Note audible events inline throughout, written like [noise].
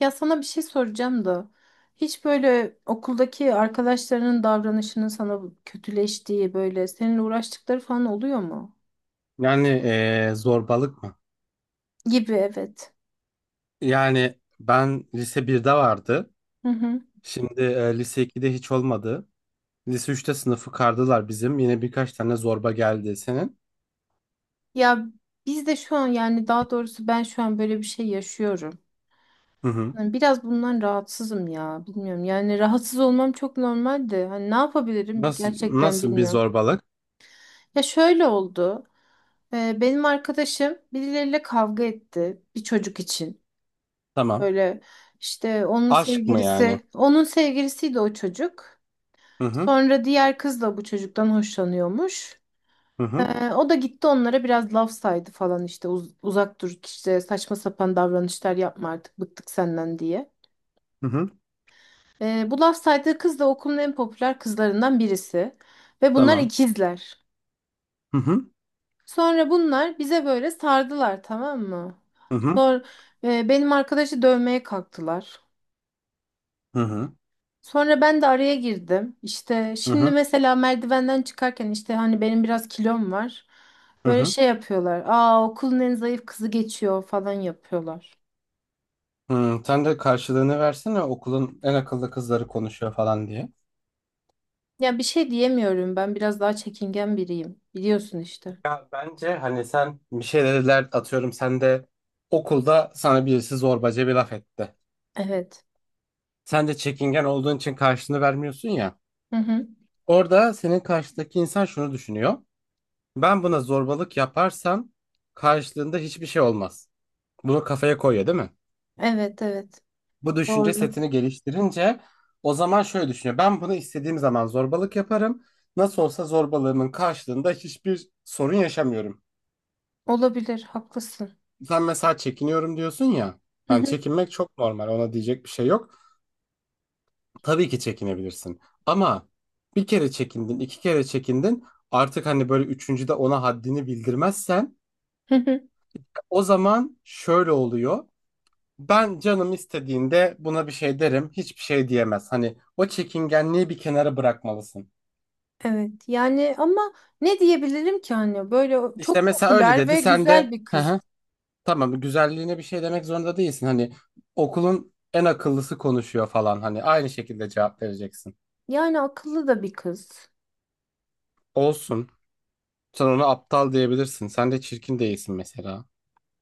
Ya sana bir şey soracağım da hiç böyle okuldaki arkadaşlarının davranışının sana kötüleştiği böyle seninle uğraştıkları falan oluyor mu? Yani zorbalık mı? Gibi, evet. Yani ben lise birde vardı. Hı hı. Şimdi lise 2'de hiç olmadı. Lise üçte sınıfı kardılar bizim. Yine birkaç tane zorba geldi senin. Ya biz de şu an, yani daha doğrusu ben şu an böyle bir şey yaşıyorum. Hı hı. Yani biraz bundan rahatsızım ya, bilmiyorum. Yani rahatsız olmam çok normal de. Hani ne yapabilirim Nasıl gerçekten nasıl bir bilmiyorum. zorbalık? Ya şöyle oldu. Benim arkadaşım birileriyle kavga etti bir çocuk için. Tamam. Böyle işte onun Aşk mı yani? sevgilisi, onun sevgilisiydi o çocuk. Hı hı. Sonra diğer kız da bu çocuktan hoşlanıyormuş. Hı hı. O da gitti onlara biraz laf saydı falan, işte uzak dur, işte saçma sapan davranışlar yapma, artık bıktık senden diye. Hı hı. Bu laf saydığı kız da okulun en popüler kızlarından birisi ve bunlar Tamam. ikizler. Hı hı. Sonra bunlar bize böyle sardılar, tamam mı? Hı hı. Sonra benim arkadaşı dövmeye kalktılar. Hı hı. Sonra ben de araya girdim. İşte Hı şimdi hı. mesela merdivenden çıkarken, işte hani benim biraz kilom var. Hı Böyle hı. şey yapıyorlar. Aa, okulun en zayıf kızı geçiyor falan yapıyorlar. Hı, sen de karşılığını versene okulun en akıllı kızları konuşuyor falan diye. Ya bir şey diyemiyorum. Ben biraz daha çekingen biriyim. Biliyorsun işte. Ya bence hani sen bir şeyler atıyorum sen de okulda sana birisi zorbaca bir laf etti. Evet. Sen de çekingen olduğun için karşılığını vermiyorsun ya. Hı hı. Orada senin karşıdaki insan şunu düşünüyor. Ben buna zorbalık yaparsam karşılığında hiçbir şey olmaz. Bunu kafaya koyuyor değil mi? Evet, evet. Bu düşünce Doğru. setini geliştirince o zaman şöyle düşünüyor. Ben bunu istediğim zaman zorbalık yaparım. Nasıl olsa zorbalığımın karşılığında hiçbir sorun yaşamıyorum. Olabilir. Haklısın. Sen mesela çekiniyorum diyorsun ya. Hı Yani hı. çekinmek çok normal. Ona diyecek bir şey yok. Tabii ki çekinebilirsin. Ama bir kere çekindin, iki kere çekindin. Artık hani böyle üçüncüde ona haddini bildirmezsen Hı hı. o zaman şöyle oluyor. Ben canım istediğinde buna bir şey derim. Hiçbir şey diyemez. Hani o çekingenliği bir kenara bırakmalısın. Evet. Yani ama ne diyebilirim ki, hani böyle İşte çok mesela öyle popüler dedi. ve Sen güzel de bir hı kız. hı, tamam güzelliğine bir şey demek zorunda değilsin. Hani okulun en akıllısı konuşuyor falan. Hani aynı şekilde cevap vereceksin. Yani akıllı da bir kız. Olsun. Sen ona aptal diyebilirsin. Sen de çirkin değilsin mesela.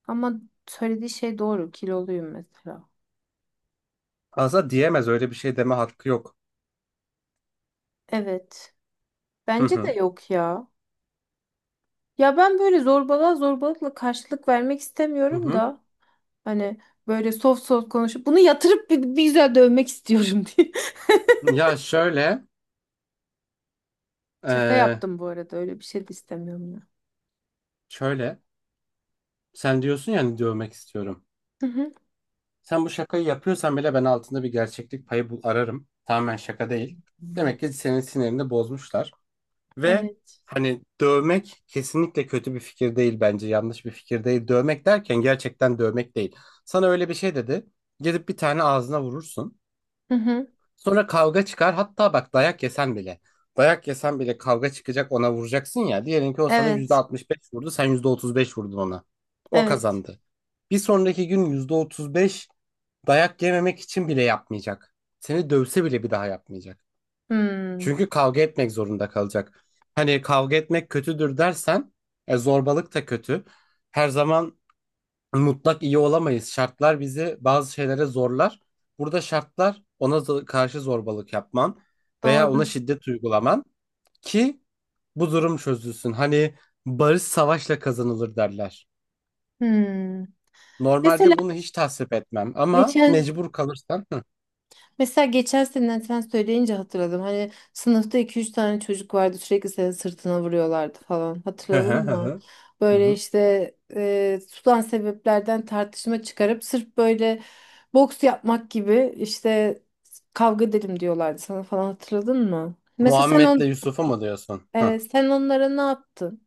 Ama söylediği şey doğru. Kiloluyum mesela. Aslında diyemez öyle bir şey deme hakkı yok. Evet. Hı Bence de hı. yok ya. Ya ben böyle zorbalığa zorbalıkla karşılık vermek Hı istemiyorum hı. da. Hani böyle soft soft konuşup bunu yatırıp bir güzel dövmek istiyorum [laughs] diye. Ya şöyle, Şaka eee, yaptım bu arada. Öyle bir şey de istemiyorum ya. şöyle. Sen diyorsun yani dövmek istiyorum. Hı hı. Sen bu şakayı yapıyorsan bile ben altında bir gerçeklik payı bul ararım. Tamamen şaka değil. Demek ki senin sinirini bozmuşlar. Ve Evet. hani dövmek kesinlikle kötü bir fikir değil bence. Yanlış bir fikir değil. Dövmek derken gerçekten dövmek değil. Sana öyle bir şey dedi. Gidip bir tane ağzına vurursun. Hı hı. Sonra kavga çıkar. Hatta bak dayak yesen bile. Dayak yesen bile kavga çıkacak ona vuracaksın ya. Diyelim ki o sana yüzde Evet. altmış beş vurdu. Sen %35 vurdun ona. O Evet. kazandı. Bir sonraki gün %35 dayak yememek için bile yapmayacak. Seni dövse bile bir daha yapmayacak. Hmm. Çünkü kavga etmek zorunda kalacak. Hani kavga etmek kötüdür dersen zorbalık da kötü. Her zaman mutlak iyi olamayız. Şartlar bizi bazı şeylere zorlar. Burada şartlar ona karşı zorbalık yapman veya Doğru. ona şiddet uygulaman ki bu durum çözülsün. Hani barış savaşla kazanılır derler. Hmm. Mesela Normalde bunu hiç tasvip etmem ama geçen mecbur kalırsan. Hı Mesela geçen seneden sen söyleyince hatırladım. Hani sınıfta iki üç tane çocuk vardı, sürekli senin sırtına vuruyorlardı falan. hı hı Hatırladın hı. mı? Hı. Hı Böyle hı. işte tutan sebeplerden tartışma çıkarıp sırf böyle boks yapmak gibi, işte kavga edelim diyorlardı sana falan, hatırladın mı? Mesela sen on Muhammed'le Yusuf'u mu diyorsun? Hı. Evet, sen onlara ne yaptın?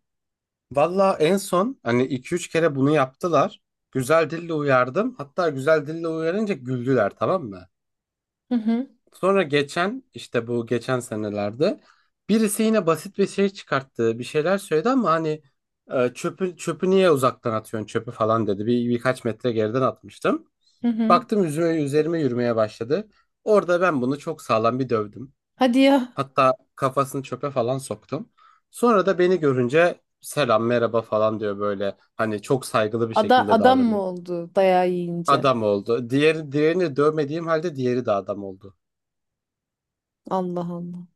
Valla en son hani iki üç kere bunu yaptılar. Güzel dille uyardım. Hatta güzel dille uyarınca güldüler tamam mı? Hı hı Sonra geçen işte bu geçen senelerde birisi yine basit bir şey çıkarttı. Bir şeyler söyledi ama hani çöpü niye uzaktan atıyorsun çöpü falan dedi. Birkaç metre geriden atmıştım. hı hı. Baktım üzerime yürümeye başladı. Orada ben bunu çok sağlam bir dövdüm. Hadi ya. Hatta kafasını çöpe falan soktum. Sonra da beni görünce selam merhaba falan diyor böyle. Hani çok saygılı bir Ada şekilde adam davranıyor. mı oldu dayağı yiyince? Adam oldu. Diğerini dövmediğim halde diğeri de adam oldu. Allah Allah.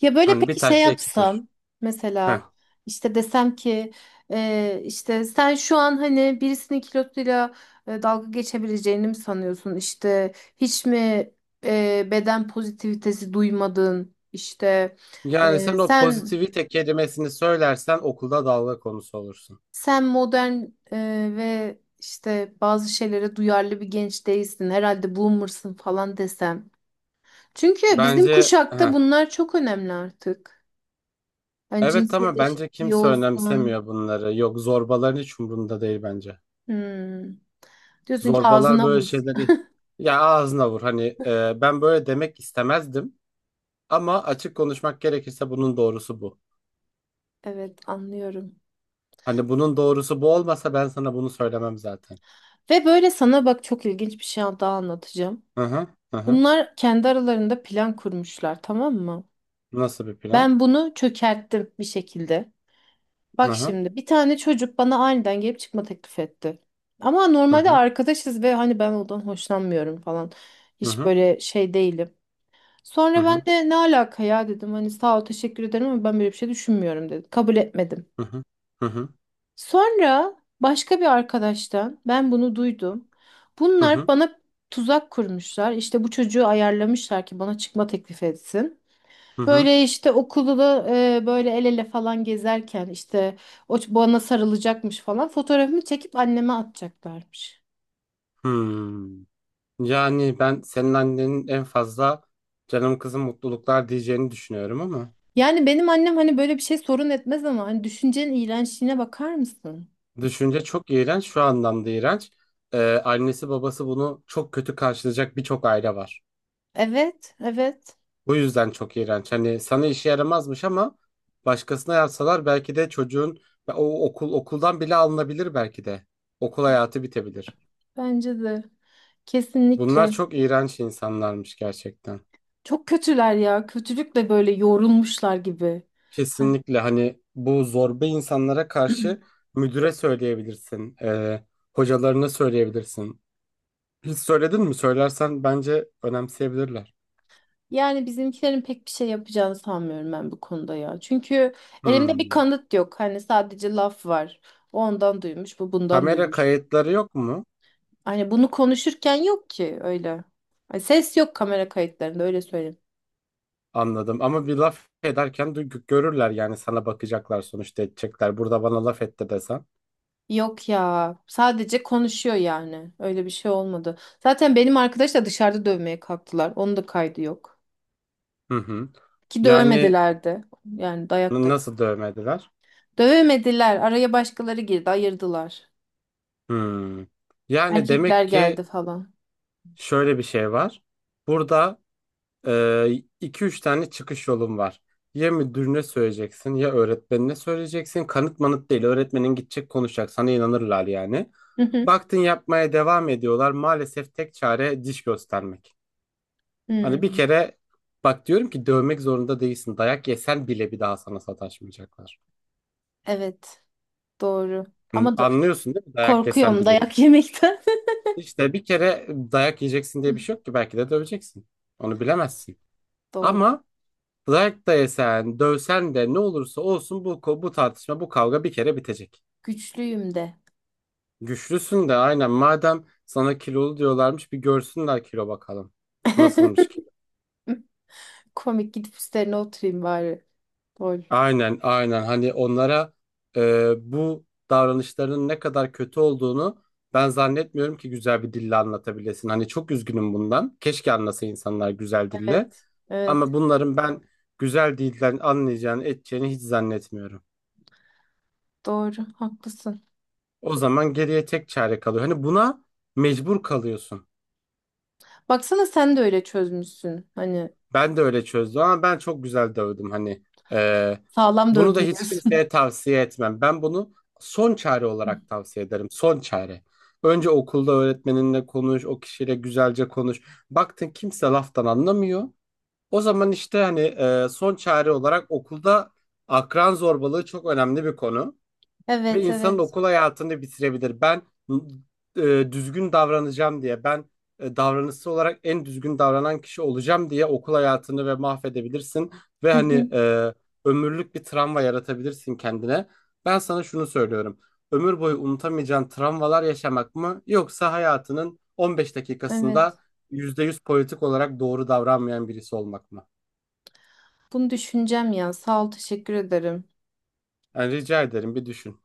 Ya böyle Hani bir peki şey taşla iki kuş. yapsam, mesela işte desem ki işte sen şu an hani birisinin kilosuyla dalga geçebileceğini mi sanıyorsun? İşte hiç mi beden pozitivitesi duymadın? İşte Yani sen e, o sen pozitivite kelimesini söylersen okulda dalga konusu olursun. sen modern e, ve işte bazı şeylere duyarlı bir genç değilsin. Herhalde boomer'sın falan desem. Çünkü bizim Bence kuşakta heh. bunlar çok önemli artık. Yani Evet cinsiyet ama bence eşitliği kimse olsun. önemsemiyor bunları. Yok zorbaların hiç umurunda değil bence. Hmm. Diyorsun ki Zorbalar ağzına böyle vur. şeyleri ya ağzına vur. Hani ben böyle demek istemezdim ama açık konuşmak gerekirse bunun doğrusu bu. Evet, anlıyorum. Hani bunun doğrusu bu olmasa ben sana bunu söylemem zaten. Ve böyle sana bak, çok ilginç bir şey daha anlatacağım. Hı hı hı hı. Bunlar kendi aralarında plan kurmuşlar, tamam mı? Nasıl bir plan? Ben bunu çökerttim bir şekilde. Hı Bak hı şimdi, bir tane çocuk bana aniden gelip çıkma teklif etti. Ama hı normalde hı arkadaşız ve hani ben ondan hoşlanmıyorum falan. hı Hiç hı böyle şey değilim. hı Sonra hı ben de ne alaka ya dedim. Hani sağ ol, teşekkür ederim ama ben böyle bir şey düşünmüyorum dedim. Kabul etmedim. hı hı Sonra başka bir arkadaştan ben bunu duydum. hı Bunlar hı. bana tuzak kurmuşlar. İşte bu çocuğu ayarlamışlar ki bana çıkma teklif etsin. Hı. Böyle işte okulda da, böyle el ele falan gezerken, işte bana sarılacakmış falan, fotoğrafımı çekip anneme atacaklarmış. Hmm. Yani ben senin annenin en fazla canım kızım mutluluklar diyeceğini düşünüyorum ama Yani benim annem hani böyle bir şey sorun etmez ama hani düşüncenin iğrençliğine bakar mısın? düşünce çok iğrenç şu anlamda iğrenç. Ee, Annesi babası bunu çok kötü karşılayacak birçok aile var. Evet, evet. Bu yüzden çok iğrenç. Hani sana işe yaramazmış ama başkasına yapsalar belki de çocuğun o okuldan bile alınabilir belki de. Okul hayatı bitebilir. Bence de. Bunlar Kesinlikle. çok iğrenç insanlarmış gerçekten. Çok kötüler ya. Kötülükle böyle yorulmuşlar gibi. Ha, Kesinlikle hani bu zorba insanlara karşı müdüre söyleyebilirsin, hocalarına söyleyebilirsin. Hiç söyledin mi? Söylersen bence önemseyebilirler. yani bizimkilerin pek bir şey yapacağını sanmıyorum ben bu konuda ya. Çünkü elimde bir Hmm. kanıt yok. Hani sadece laf var. O ondan duymuş, bu bundan Kamera duymuş. kayıtları yok mu? Hani bunu konuşurken yok ki öyle. Hani ses yok kamera kayıtlarında, öyle söyleyeyim. Anladım. Ama bir laf ederken görürler yani sana bakacaklar sonuçta edecekler. Burada bana laf etti desen. Yok ya. Sadece konuşuyor yani. Öyle bir şey olmadı. Zaten benim arkadaş da dışarıda dövmeye kalktılar. Onun da kaydı yok. Hı hı. Ki Yani dövmediler de. Yani dayak da nasıl dövmediler? dövemediler. Araya başkaları girdi, ayırdılar. Hmm. Yani Erkekler demek geldi ki falan. şöyle bir şey var. Burada Ee, üç tane çıkış yolun var. Ya müdürüne söyleyeceksin ya öğretmenine söyleyeceksin. Kanıt manıt değil. Öğretmenin gidecek konuşacak. Sana inanırlar yani. Hı hı. Baktın yapmaya devam ediyorlar. Maalesef tek çare diş göstermek. Hani bir Hmm, kere bak diyorum ki dövmek zorunda değilsin. Dayak yesen bile bir daha sana sataşmayacaklar. evet, doğru. Hani Ama da anlıyorsun değil mi? Dayak yesen korkuyorum bile. dayak yemekten. İşte bir kere dayak yiyeceksin diye bir şey [laughs] yok ki. Belki de döveceksin. Onu bilemezsin. Doğru. Ama Like da yesen, dövsen de ne olursa olsun bu, bu tartışma, bu kavga bir kere bitecek. Güçlüyüm de. Güçlüsün de aynen madem sana kilolu diyorlarmış bir görsünler kilo bakalım. Nasılmış [laughs] kilo? Komik, gidip üstlerine oturayım bari. Lol. Aynen aynen hani onlara bu davranışlarının ne kadar kötü olduğunu ben zannetmiyorum ki güzel bir dille anlatabilesin. Hani çok üzgünüm bundan. Keşke anlasa insanlar güzel dille. Evet. Evet. Ama bunların ben güzel dilden anlayacağını, edeceğini hiç zannetmiyorum. Doğru, haklısın. O zaman geriye tek çare kalıyor. Hani buna mecbur kalıyorsun. Baksana, sen de öyle çözmüşsün. Hani Ben de öyle çözdüm ama ben çok güzel dövdüm. Hani e, sağlam bunu da dövdüm hiç diyorsun. kimseye tavsiye etmem. Ben bunu son çare olarak [laughs] tavsiye ederim. Son çare. Önce okulda öğretmeninle konuş, o kişiyle güzelce konuş. Baktın kimse laftan anlamıyor. O zaman işte hani son çare olarak okulda akran zorbalığı çok önemli bir konu. Ve Evet, insanın evet. okul hayatını bitirebilir. Ben düzgün davranacağım diye, ben davranışsal olarak en düzgün davranan kişi olacağım diye okul hayatını ve mahvedebilirsin. Ve Hı hı, hani ömürlük bir travma yaratabilirsin kendine. Ben sana şunu söylüyorum. Ömür boyu unutamayacağın travmalar yaşamak mı? Yoksa hayatının 15 dakikasında evet. %100 politik olarak doğru davranmayan birisi olmak mı? Bunu düşüneceğim ya. Sağ ol, teşekkür ederim. Yani rica ederim bir düşün.